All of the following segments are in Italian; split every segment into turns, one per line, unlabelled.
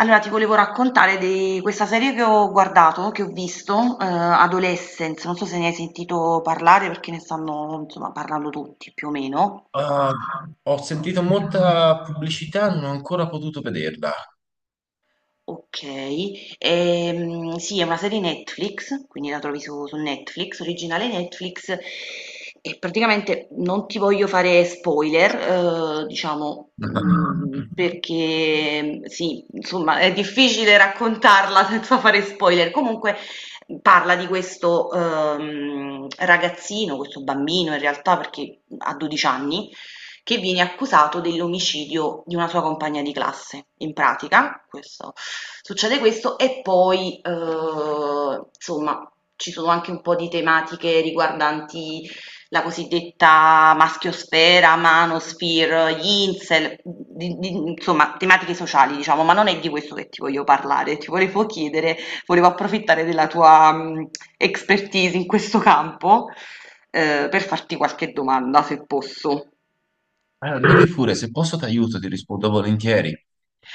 Allora, ti volevo raccontare di questa serie che ho guardato, che ho visto, Adolescence, non so se ne hai sentito parlare perché ne stanno, insomma, parlando tutti più o meno.
Ah, ho sentito molta pubblicità, non ho ancora potuto vederla.
Okay. Sì, è una serie Netflix, quindi la trovi su Netflix, originale Netflix, e praticamente non ti voglio fare spoiler, diciamo, perché sì, insomma, è difficile raccontarla senza fare spoiler. Comunque, parla di questo, ragazzino, questo bambino in realtà perché ha 12 anni, che viene accusato dell'omicidio di una sua compagna di classe. In pratica, succede questo e poi, insomma, ci sono anche un po' di tematiche riguardanti la cosiddetta maschiosfera, manosphere, gli incel, insomma, tematiche sociali, diciamo, ma non è di questo che ti voglio parlare, ti volevo chiedere, volevo approfittare della tua expertise in questo campo, per farti qualche domanda, se posso.
Allora, dimmi pure, se posso ti aiuto, ti rispondo volentieri.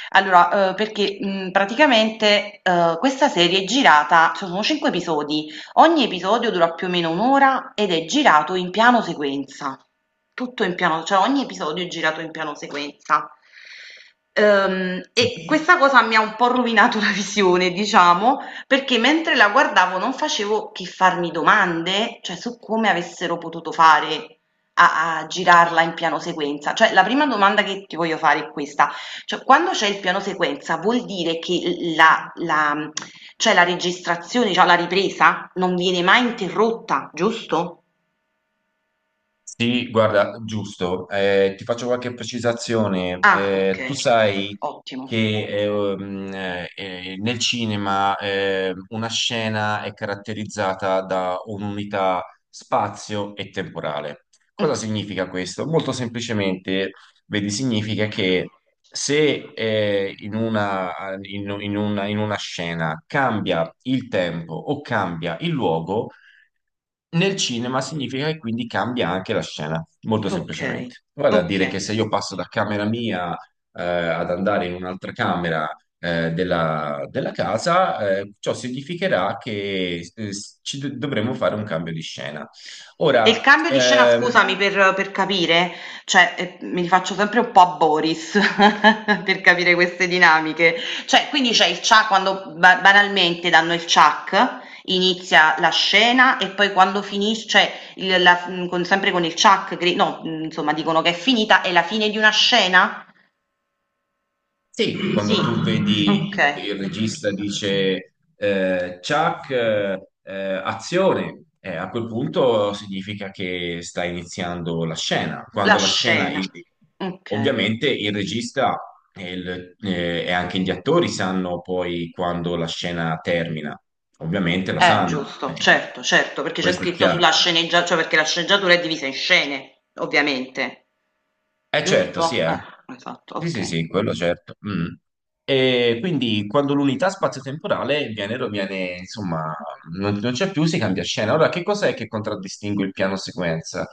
Allora, perché, praticamente, questa serie è girata so sono 5 episodi, ogni episodio dura più o meno 1 ora ed è girato in piano sequenza. Tutto in piano cioè ogni episodio è girato in piano sequenza. E questa cosa mi ha un po' rovinato la visione, diciamo, perché mentre la guardavo non facevo che farmi domande, cioè su come avessero potuto fare a girarla in piano sequenza. Cioè la prima domanda che ti voglio fare è questa: cioè, quando c'è il piano sequenza vuol dire che cioè la registrazione, cioè la ripresa, non viene mai interrotta, giusto?
Sì, guarda, giusto. Ti faccio qualche precisazione.
Ah, ok,
Tu sai
ottimo.
che nel cinema una scena è caratterizzata da un'unità spazio e temporale. Cosa
Mm.
significa questo? Molto semplicemente, vedi, significa che se in una, in una scena cambia il tempo o cambia il luogo, nel cinema significa che quindi cambia anche la scena, molto
Ok,
semplicemente. Vale a
ok.
dire che se io passo da camera mia ad andare in un'altra camera della casa, ciò significherà che dovremo fare un cambio di scena.
E il
Ora,
cambio di scena, scusami, per capire, cioè, mi rifaccio sempre un po' a Boris per capire queste dinamiche. Cioè, quindi c'è il cia quando ba banalmente danno il ciak, inizia la scena e poi quando finis cioè con sempre con il ciak gri no, insomma dicono che è finita, è la fine di una scena?
sì,
Sì,
quando tu vedi che il
okay.
regista dice Chuck, azione, a quel punto significa che sta iniziando la scena.
La
Quando la scena,
scena. Okay.
ovviamente il regista e anche gli attori sanno poi quando la scena termina, ovviamente la sanno,
Giusto, certo, certo, perché c'è
questo è
scritto
chiaro.
sulla sceneggia cioè perché la sceneggiatura è divisa in scene, ovviamente,
Eh certo, sì,
giusto?
eh.
Esatto,
Sì,
ok,
sì, sì, quello certo. Mm. E quindi quando l'unità spazio-temporale viene, insomma, non c'è più, si cambia scena. Ora, che cos'è che contraddistingue il piano sequenza? Il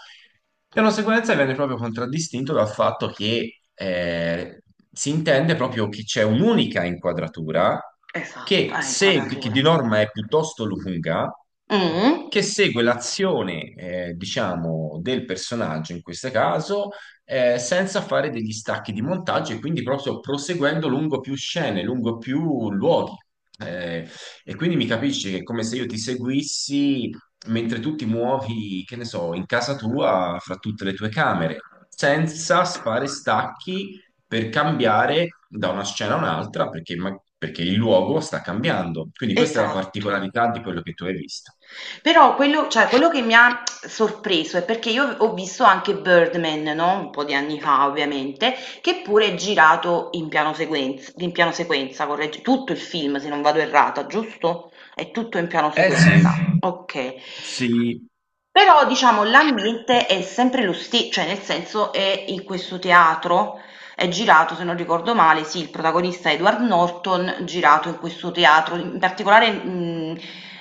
piano sequenza viene proprio contraddistinto dal fatto che si intende proprio che c'è un'unica inquadratura
esatto, ah,
che di
inquadratura.
norma è piuttosto lunga,
Mh,
che segue l'azione, diciamo, del personaggio in questo caso senza fare degli stacchi di montaggio e quindi proprio proseguendo lungo più scene, lungo più luoghi. Eh, e quindi mi capisci che è come se io ti seguissi mentre tu ti muovi, che ne so, in casa tua, fra tutte le tue camere, senza fare stacchi per cambiare da una scena a un'altra, perché, perché il luogo sta cambiando. Quindi questa è la
esatto.
particolarità di quello che tu hai visto.
Però quello, cioè, quello che mi ha sorpreso è perché io ho visto anche Birdman, no? Un po' di anni fa, ovviamente, che pure è girato in piano sequenza, corregge, tutto il film, se non vado errata, giusto? È tutto in piano
Eh sì,
sequenza. Ok.
sì.
Però diciamo l'ambiente è sempre lo stesso, cioè nel senso è in questo teatro, è girato, se non ricordo male, sì, il protagonista è Edward Norton, girato in questo teatro, in particolare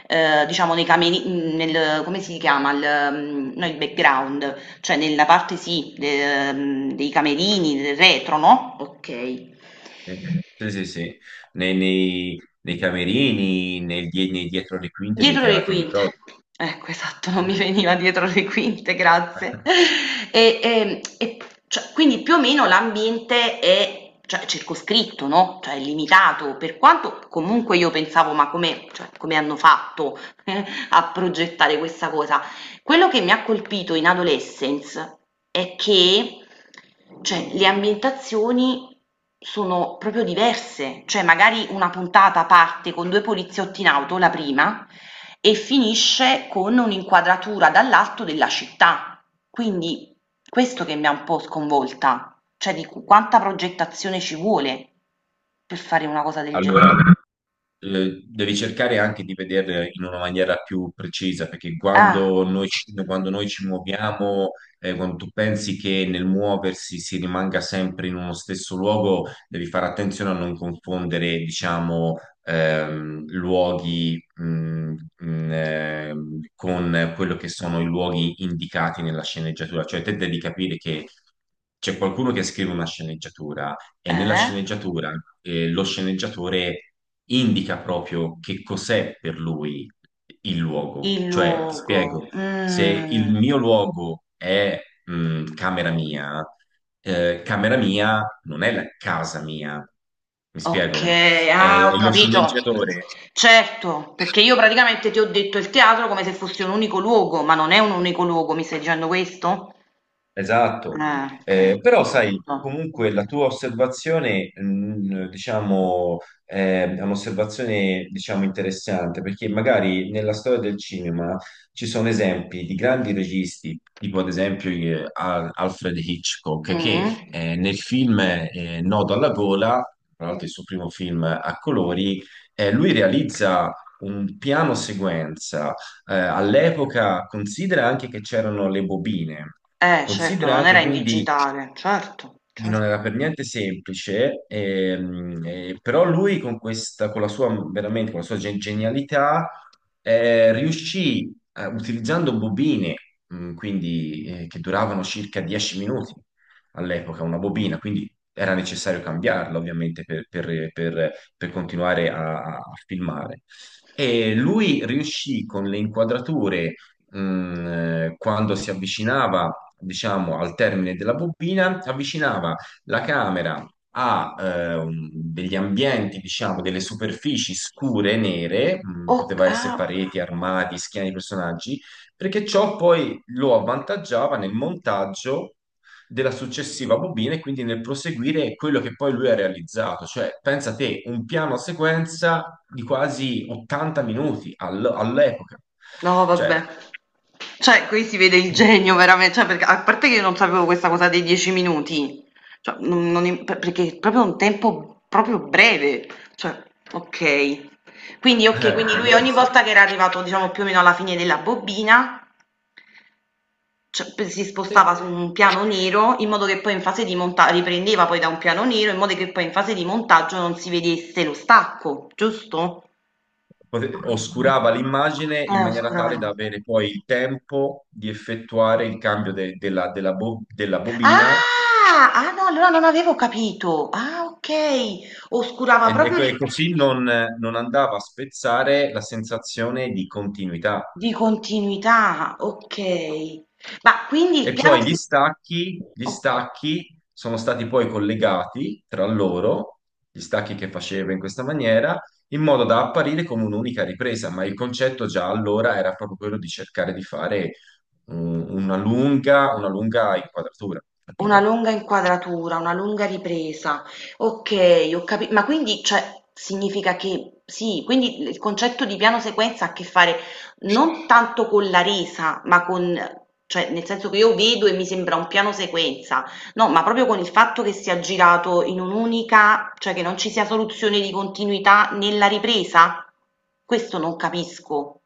diciamo nei cameri, nel, come si chiama, il, no, il background, cioè nella parte sì, dei camerini, del retro, no? Ok.
Sì, sì, sì, sì. Nei, nei camerini, nei dietro le quinte dei
Dietro le
teatri di
quinte.
prova.
Ecco, esatto, non mi veniva dietro le quinte, grazie. E cioè, quindi più o meno l'ambiente è, cioè, circoscritto, no? Cioè, è limitato, per quanto comunque io pensavo, ma come, cioè, come hanno fatto a progettare questa cosa? Quello che mi ha colpito in Adolescence è che, cioè, le ambientazioni sono proprio diverse, cioè magari una puntata parte con due poliziotti in auto, la prima, e finisce con un'inquadratura dall'alto della città. Quindi questo che mi ha un po' sconvolta, cioè quanta progettazione ci vuole per fare una cosa del
Allora,
genere.
devi cercare anche di vedere in una maniera più precisa, perché
Ah,
quando noi ci muoviamo, quando tu pensi che nel muoversi si rimanga sempre in uno stesso luogo, devi fare attenzione a non confondere, diciamo, luoghi, con quello che sono i luoghi indicati nella sceneggiatura. Cioè, te devi capire che c'è qualcuno che scrive una sceneggiatura e nella
eh?
sceneggiatura lo sceneggiatore indica proprio che cos'è per lui il luogo.
Il
Cioè, ti
luogo.
spiego, se
Mm.
il mio luogo è mh, camera mia, camera mia non è la casa mia. Mi spiego?
Okay, ah ho
Lo
capito.
sceneggiatore
Certo, perché io praticamente ti ho detto il teatro come se fosse un unico luogo, ma non è un unico luogo, mi stai dicendo questo?
esatto.
Ah, okay,
Però sai,
giusto.
comunque la tua osservazione, diciamo, è un'osservazione, diciamo, interessante, perché magari nella storia del cinema ci sono esempi di grandi registi, tipo ad esempio Alfred Hitchcock,
Mh-mh.
che nel film Nodo alla gola, tra l'altro il suo primo film a colori, lui
Oka
realizza un piano sequenza. All'epoca considera anche che c'erano le bobine,
Eh certo,
considera
non
anche
era in
quindi
digitale, certo,
che non
certo.
era per niente semplice, però lui con questa, con la sua, veramente, con la sua genialità, riuscì, utilizzando bobine, quindi, che duravano circa 10 minuti all'epoca, una
Oh,
bobina, quindi era necessario cambiarla ovviamente per, per continuare a filmare. E lui riuscì con le inquadrature mh, quando si avvicinava, diciamo, al termine della bobina, avvicinava la camera a degli ambienti, diciamo, delle superfici scure, nere,
oc
poteva essere
ah.
pareti, armadi, schiene di personaggi, perché ciò poi lo avvantaggiava nel montaggio della successiva bobina e quindi nel proseguire quello che poi lui ha realizzato. Cioè, pensa te, un piano sequenza di quasi 80 minuti all'epoca.
No vabbè.
Cioè,
Cioè, qui si vede il
eh,
genio veramente, cioè perché a parte che io non sapevo questa cosa dei 10 minuti, cioè, perché è proprio un tempo proprio breve, cioè, ok. Quindi, ok, quindi lui
allora
ogni
sì.
volta che era arrivato, diciamo, più o meno alla fine della bobina, cioè, si
Sì,
spostava su un piano nero in modo che poi in fase di montaggio, riprendeva poi da un piano nero in modo che poi in fase di montaggio non si vedesse lo stacco, giusto?
Oscurava l'immagine in maniera tale da
Oscurava.
avere poi il tempo di effettuare il cambio della della bobina
Ah! Ah no, allora non avevo capito. Ah okay, oscurava
e,
proprio di
e così non andava a spezzare la sensazione di continuità.
continuità, okay. Ma quindi il
E
piano
poi
si
gli
oka
stacchi sono stati poi collegati tra loro, gli stacchi che faceva in questa maniera, in modo da apparire come un'unica ripresa, ma il concetto già allora era proprio quello di cercare di fare una lunga inquadratura,
una
capito?
lunga inquadratura, una lunga ripresa. Okay, ho capi ma quindi cioè, significa che sì, quindi il concetto di piano sequenza ha a che fare non tanto con la resa, ma con, cioè, nel senso che io vedo e mi sembra un piano sequenza, no, ma proprio con il fatto che sia girato in un'unica, cioè, che non ci sia soluzione di continuità nella ripresa? Questo non capisco.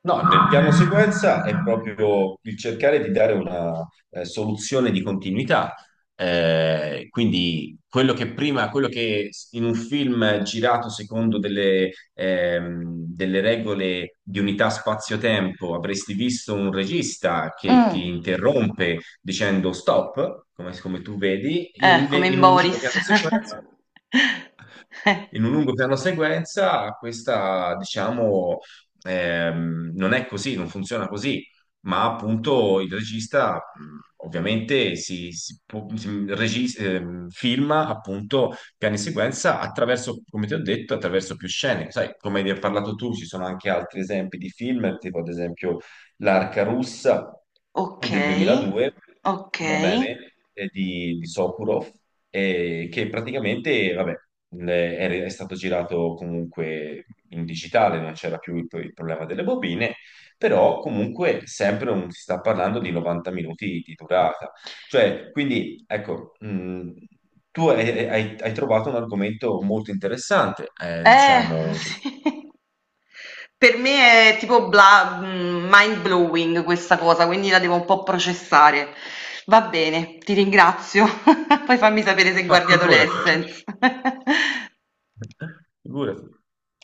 No, nel piano sequenza è proprio il cercare di dare una soluzione di continuità. Quindi quello che prima, quello che in un film girato secondo delle, delle regole di unità spazio-tempo avresti visto un regista che ti
Mh.
interrompe dicendo stop, come, come tu vedi, in,
Come in
in un nuovo
Boris.
piano sequenza, in un lungo piano sequenza, questa, diciamo, non è così, non funziona così, ma appunto il regista ovviamente filma appunto piani sequenza attraverso, come ti ho detto, attraverso più scene. Sai, come ne hai parlato tu, ci sono anche altri esempi di film, tipo ad esempio L'Arca russa del
Okay,
2002, va
okay.
bene, di Sokurov, che praticamente, vabbè, è stato girato comunque in digitale, non c'era più il problema delle bobine, però comunque sempre si sta parlando di 90 minuti di durata. Cioè, quindi, ecco, tu hai, hai trovato un argomento molto interessante,
Eh,
diciamo.
sì. Per me è tipo bla mind blowing questa cosa, quindi la devo un po' processare. Va bene, ti ringrazio. Poi fammi sapere se
Ma
guardi Figurati.
figurati,
Adolescence.
figurati.